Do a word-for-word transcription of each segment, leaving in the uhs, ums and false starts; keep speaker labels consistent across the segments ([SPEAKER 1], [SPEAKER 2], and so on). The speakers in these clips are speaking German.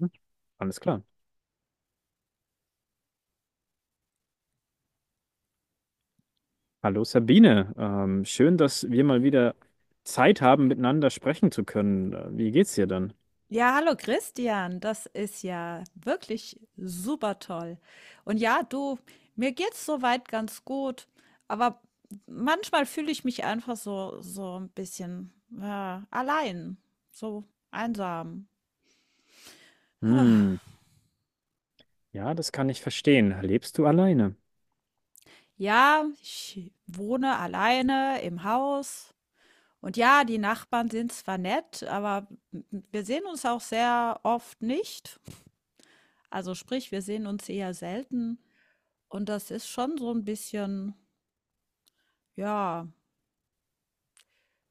[SPEAKER 1] Hm. Alles klar. Hallo Sabine, ähm, schön, dass wir mal wieder Zeit haben, miteinander sprechen zu können. Äh, Wie geht's dir denn?
[SPEAKER 2] Ja, hallo Christian, das ist ja wirklich super toll. Und ja, du, mir geht's soweit ganz gut, aber manchmal fühle ich mich einfach so so ein bisschen ja, allein, so einsam.
[SPEAKER 1] Hm, ja, das kann ich verstehen. Lebst du alleine?
[SPEAKER 2] Ja, ich wohne alleine im Haus und ja, die Nachbarn sind zwar nett, aber wir sehen uns auch sehr oft nicht. Also sprich, wir sehen uns eher selten und das ist schon so ein bisschen Ja,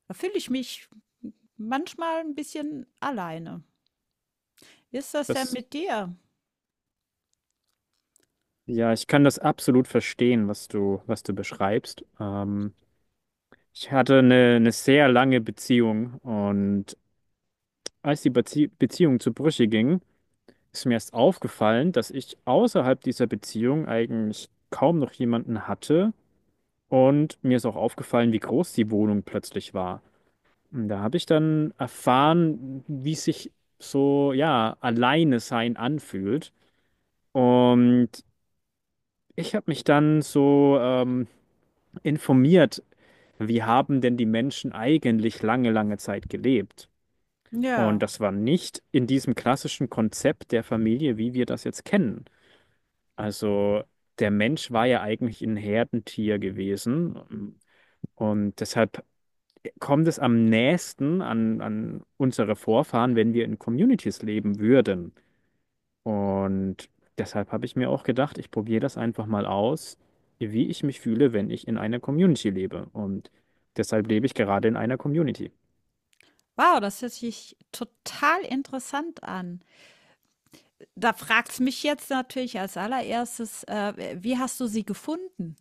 [SPEAKER 2] da fühle ich mich manchmal ein bisschen alleine. Wie ist das denn
[SPEAKER 1] Das,
[SPEAKER 2] mit dir?
[SPEAKER 1] ja, ich kann das absolut verstehen, was du, was du beschreibst. Ähm, ich hatte eine, eine sehr lange Beziehung und als die Bezie Beziehung zu Brüche ging, ist mir erst aufgefallen, dass ich außerhalb dieser Beziehung eigentlich kaum noch jemanden hatte. Und mir ist auch aufgefallen, wie groß die Wohnung plötzlich war. Und da habe ich dann erfahren, wie sich so, ja, alleine sein anfühlt. Und ich habe mich dann so ähm, informiert, wie haben denn die Menschen eigentlich lange, lange Zeit gelebt? Und
[SPEAKER 2] Ja.
[SPEAKER 1] das war nicht in diesem klassischen Konzept der Familie, wie wir das jetzt kennen. Also der Mensch war ja eigentlich ein Herdentier gewesen. Und deshalb kommt es am nächsten an, an unsere Vorfahren, wenn wir in Communities leben würden. Und deshalb habe ich mir auch gedacht, ich probiere das einfach mal aus, wie ich mich fühle, wenn ich in einer Community lebe. Und deshalb lebe ich gerade in einer Community.
[SPEAKER 2] Wow, das hört sich total interessant an. Da fragt's mich jetzt natürlich als Allererstes, äh, wie hast du sie gefunden?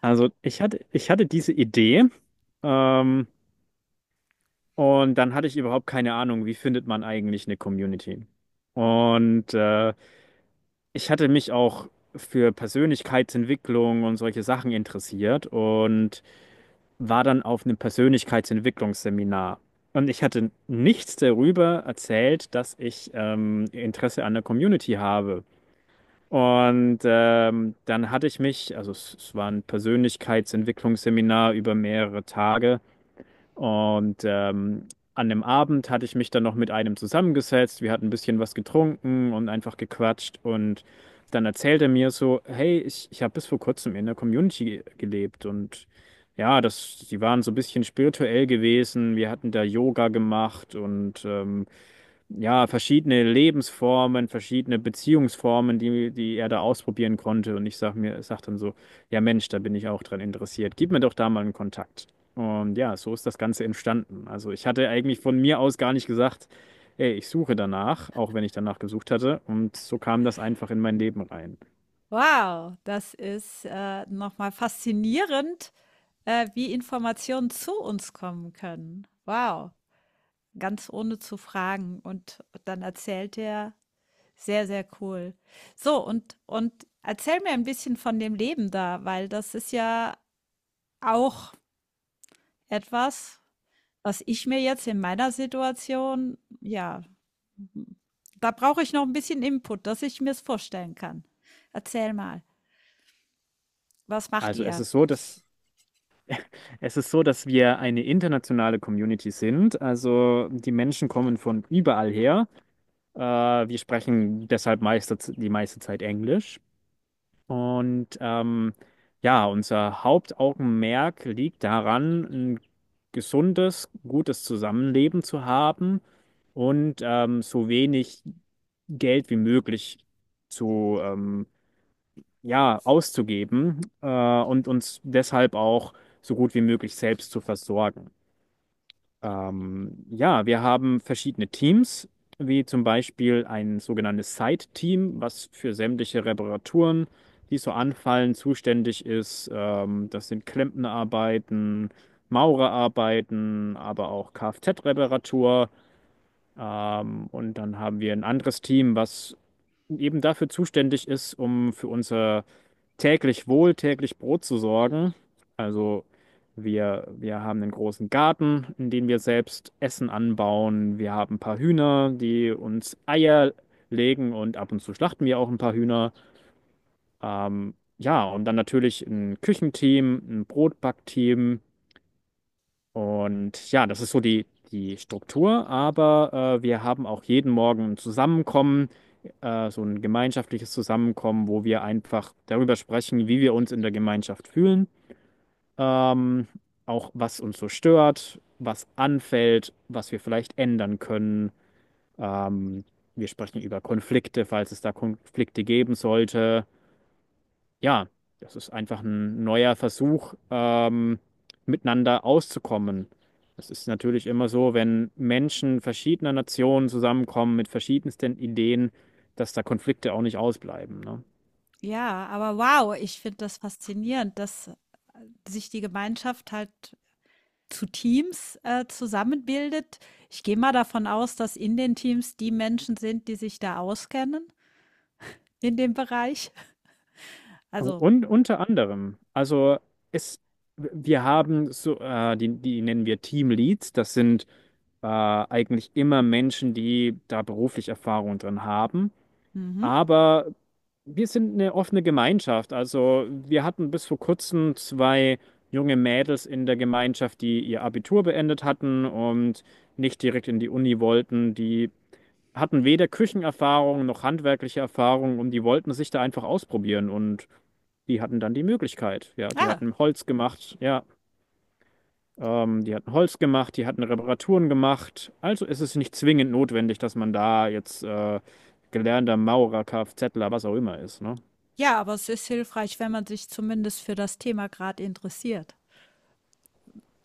[SPEAKER 1] Also ich hatte, ich hatte diese Idee. Ähm, Und dann hatte ich überhaupt keine Ahnung, wie findet man eigentlich eine Community. Und äh, ich hatte mich auch für Persönlichkeitsentwicklung und solche Sachen interessiert und war dann auf einem Persönlichkeitsentwicklungsseminar. Und ich hatte nichts darüber erzählt, dass ich ähm, Interesse an der Community habe. Und ähm, dann hatte ich mich, also es, es war ein Persönlichkeitsentwicklungsseminar über mehrere Tage. Und ähm, an dem Abend hatte ich mich dann noch mit einem zusammengesetzt. Wir hatten ein bisschen was getrunken und einfach gequatscht. Und dann erzählt er mir so, hey, ich, ich habe bis vor kurzem in der Community gelebt. Und ja, das, die waren so ein bisschen spirituell gewesen. Wir hatten da Yoga gemacht und ähm, ja, verschiedene Lebensformen, verschiedene Beziehungsformen, die, die er da ausprobieren konnte. Und ich sag mir, sag dann so, ja Mensch, da bin ich auch dran interessiert. Gib mir doch da mal einen Kontakt. Und ja, so ist das Ganze entstanden. Also ich hatte eigentlich von mir aus gar nicht gesagt, ey, ich suche danach, auch wenn ich danach gesucht hatte. Und so kam das einfach in mein Leben rein.
[SPEAKER 2] Wow, das ist, äh, noch faszinierend, äh, wie Informationen zu uns kommen können. Wow, ganz ohne zu fragen und dann erzählt er Sehr, sehr cool. So, und, und erzähl mir ein bisschen von dem Leben da, weil das ist ja auch etwas, was ich mir jetzt in meiner Situation, ja, da brauche ich noch ein bisschen Input, dass ich mir es vorstellen kann. Erzähl mal, was macht
[SPEAKER 1] Also es
[SPEAKER 2] ihr?
[SPEAKER 1] ist so, dass Es ist so, dass wir eine internationale Community sind. Also die Menschen kommen von überall her. Äh, wir sprechen deshalb meiste, die meiste Zeit Englisch. Und ähm, ja, unser Hauptaugenmerk liegt daran, ein gesundes, gutes Zusammenleben zu haben und ähm, so wenig Geld wie möglich zu ähm, ja, auszugeben äh, und uns deshalb auch so gut wie möglich selbst zu versorgen. Ähm, ja, wir haben verschiedene Teams, wie zum Beispiel ein sogenanntes Site-Team, was für sämtliche Reparaturen, die so anfallen, zuständig ist. Ähm, das sind Klempnerarbeiten, Maurerarbeiten, aber auch Kfz-Reparatur. Ähm, und dann haben wir ein anderes Team, was eben dafür zuständig ist, um für unser täglich Wohl, täglich Brot zu sorgen. Also wir, wir haben einen großen Garten, in dem wir selbst Essen anbauen. Wir haben ein paar Hühner, die uns Eier legen, und ab und zu schlachten wir auch ein paar Hühner. Ähm, ja, und dann natürlich ein Küchenteam, ein Brotbackteam. Und ja, das ist so die, die Struktur, aber äh, wir haben auch jeden Morgen ein Zusammenkommen, äh, so ein gemeinschaftliches Zusammenkommen, wo wir einfach darüber sprechen, wie wir uns in der Gemeinschaft fühlen, ähm, auch was uns so stört, was anfällt, was wir vielleicht ändern können. Ähm, Wir sprechen über Konflikte, falls es da Konflikte geben sollte. Ja, das ist einfach ein neuer Versuch, ähm, miteinander auszukommen. Es ist natürlich immer so, wenn Menschen verschiedener Nationen zusammenkommen mit verschiedensten Ideen, dass da Konflikte auch nicht ausbleiben, ne?
[SPEAKER 2] Ja, aber wow, ich finde das faszinierend, dass sich die Gemeinschaft halt zu Teams äh, zusammenbildet. Ich gehe mal davon aus, dass in den Teams die Menschen sind, die sich da auskennen in dem Bereich. Also,
[SPEAKER 1] Und unter anderem, also es, wir haben so, äh, die, die nennen wir Teamleads, das sind äh, eigentlich immer Menschen, die da beruflich Erfahrung drin haben.
[SPEAKER 2] mhm.
[SPEAKER 1] Aber wir sind eine offene Gemeinschaft. Also wir hatten bis vor kurzem zwei junge Mädels in der Gemeinschaft, die ihr Abitur beendet hatten und nicht direkt in die Uni wollten. Die hatten weder Küchenerfahrung noch handwerkliche Erfahrung und die wollten sich da einfach ausprobieren, und die hatten dann die Möglichkeit. Ja, die
[SPEAKER 2] Ah,
[SPEAKER 1] hatten Holz gemacht. Ja. Ähm, die hatten Holz gemacht, die hatten Reparaturen gemacht. Also ist es nicht zwingend notwendig, dass man da jetzt äh, gelernter Maurer, Kfzler, was auch immer ist, ne?
[SPEAKER 2] ja, aber es ist hilfreich, wenn man sich zumindest für das Thema gerade interessiert,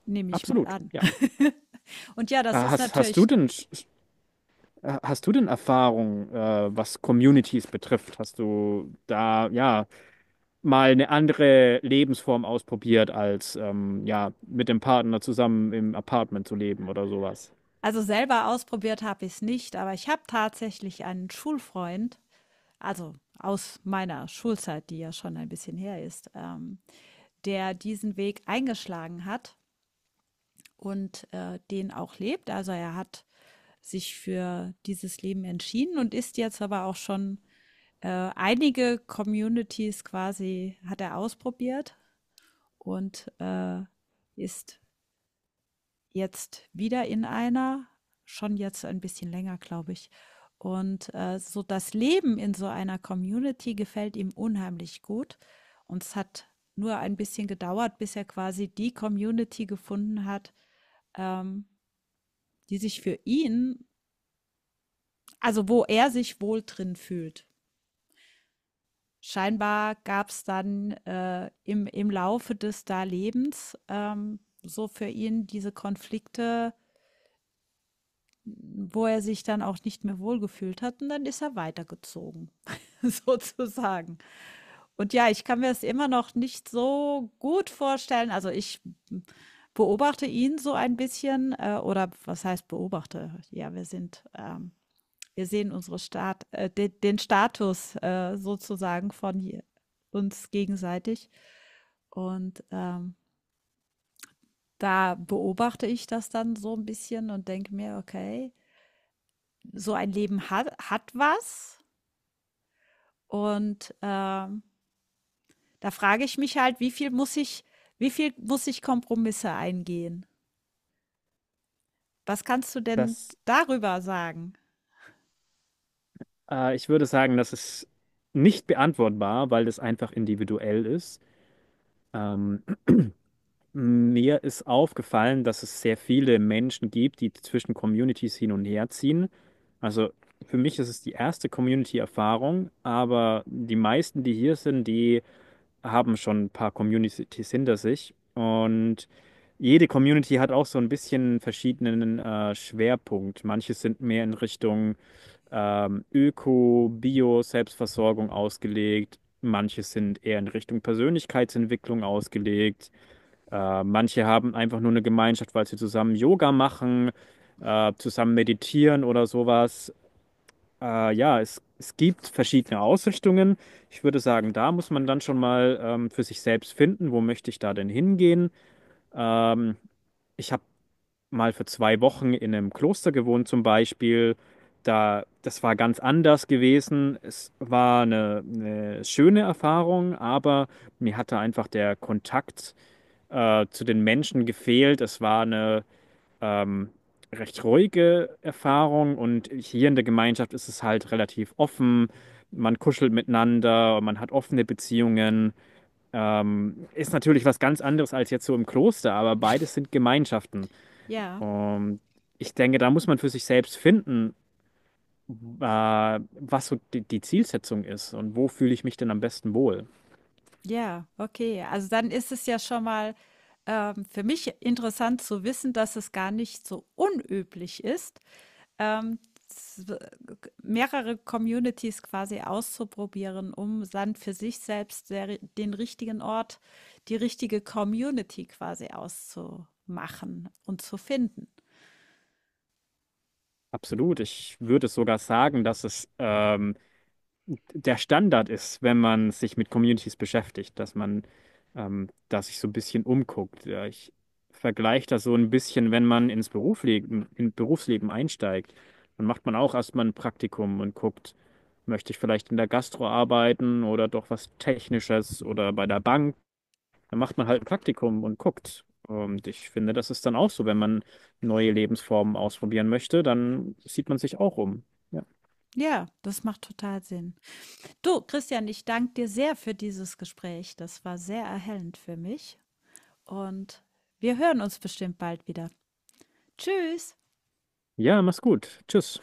[SPEAKER 2] nehme ich mal
[SPEAKER 1] Absolut,
[SPEAKER 2] an.
[SPEAKER 1] ja.
[SPEAKER 2] Und ja,
[SPEAKER 1] Äh,
[SPEAKER 2] das ist
[SPEAKER 1] Hast, hast du
[SPEAKER 2] natürlich,
[SPEAKER 1] denn, äh, hast du denn Erfahrung, äh, was Communities betrifft? Hast du da, ja, mal eine andere Lebensform ausprobiert, als, ähm, ja, mit dem Partner zusammen im Apartment zu leben oder sowas?
[SPEAKER 2] also selber ausprobiert habe ich es nicht, aber ich habe tatsächlich einen Schulfreund, also aus meiner Schulzeit, die ja schon ein bisschen her ist, ähm, der diesen Weg eingeschlagen hat und äh, den auch lebt. Also er hat sich für dieses Leben entschieden und ist jetzt aber auch schon äh, einige Communities quasi hat er ausprobiert und äh, ist jetzt wieder in einer, schon jetzt ein bisschen länger, glaube ich. Und äh, so das Leben in so einer Community gefällt ihm unheimlich gut. Und es hat nur ein bisschen gedauert, bis er quasi die Community gefunden hat, ähm, die sich für ihn, also wo er sich wohl drin fühlt. scheinbar gab es dann, äh, im im Laufe des da Lebens, ähm, so für ihn diese Konflikte, wo er sich dann auch nicht mehr wohlgefühlt hat und dann ist er weitergezogen, sozusagen. Und ja, ich kann mir das immer noch nicht so gut vorstellen. Also, ich beobachte ihn so ein bisschen, äh, oder was heißt beobachte? Ja, wir sind, ähm Wir sehen unsere Stat äh, de den Status äh, sozusagen von uns gegenseitig. Und ähm, da beobachte ich das dann so ein bisschen und denke mir, okay, so ein Leben hat, hat was. Und ähm, da frage ich mich halt, wie viel muss ich, wie viel muss ich Kompromisse eingehen? Was kannst du denn
[SPEAKER 1] Das,
[SPEAKER 2] darüber sagen?
[SPEAKER 1] äh, Ich würde sagen, das ist nicht beantwortbar, weil das einfach individuell ist. Ähm, Mir ist aufgefallen, dass es sehr viele Menschen gibt, die zwischen Communities hin und her ziehen. Also für mich ist es die erste Community-Erfahrung, aber die meisten, die hier sind, die haben schon ein paar Communities hinter sich. Und jede Community hat auch so ein bisschen verschiedenen äh, Schwerpunkt. Manche sind mehr in Richtung ähm, Öko, Bio, Selbstversorgung ausgelegt. Manche sind eher in Richtung Persönlichkeitsentwicklung ausgelegt. Äh, manche haben einfach nur eine Gemeinschaft, weil sie zusammen Yoga machen, äh, zusammen meditieren oder sowas. Äh, ja, es, es gibt verschiedene Ausrichtungen. Ich würde sagen, da muss man dann schon mal ähm, für sich selbst finden, wo möchte ich da denn hingehen. Ähm, Ich habe mal für zwei Wochen in einem Kloster gewohnt zum Beispiel. Da, das war ganz anders gewesen. Es war eine, eine schöne Erfahrung, aber mir hatte einfach der Kontakt äh, zu den Menschen gefehlt. Es war eine ähm, recht ruhige Erfahrung, und hier in der Gemeinschaft ist es halt relativ offen. Man kuschelt miteinander, man hat offene Beziehungen. Ähm, ist natürlich was ganz anderes als jetzt so im Kloster, aber beides sind Gemeinschaften.
[SPEAKER 2] Ja.
[SPEAKER 1] Und ich denke, da muss man für sich selbst finden, äh, was so die, die Zielsetzung ist und wo fühle ich mich denn am besten wohl.
[SPEAKER 2] Ja, okay. Also dann ist es ja schon mal ähm, für mich interessant zu wissen, dass es gar nicht so unüblich ist, ähm, s- mehrere Communities quasi auszuprobieren, um dann für sich selbst der, ri- den richtigen Ort, die richtige Community quasi auszumachen und zu finden.
[SPEAKER 1] Absolut. Ich würde sogar sagen, dass es ähm, der Standard ist, wenn man sich mit Communities beschäftigt, dass man ähm, da sich so ein bisschen umguckt. Ja, ich vergleiche das so ein bisschen, wenn man ins Berufsleben, in Berufsleben einsteigt, dann macht man auch erstmal ein Praktikum und guckt, möchte ich vielleicht in der Gastro arbeiten oder doch was Technisches oder bei der Bank. Dann macht man halt ein Praktikum und guckt. Und ich finde, das ist dann auch so, wenn man neue Lebensformen ausprobieren möchte, dann sieht man sich auch um. Ja,
[SPEAKER 2] Ja, das macht total Sinn. Du, Christian, ich danke dir sehr für dieses Gespräch. Das war sehr erhellend für mich. und wir hören uns bestimmt bald wieder. Tschüss!
[SPEAKER 1] ja, mach's gut. Tschüss.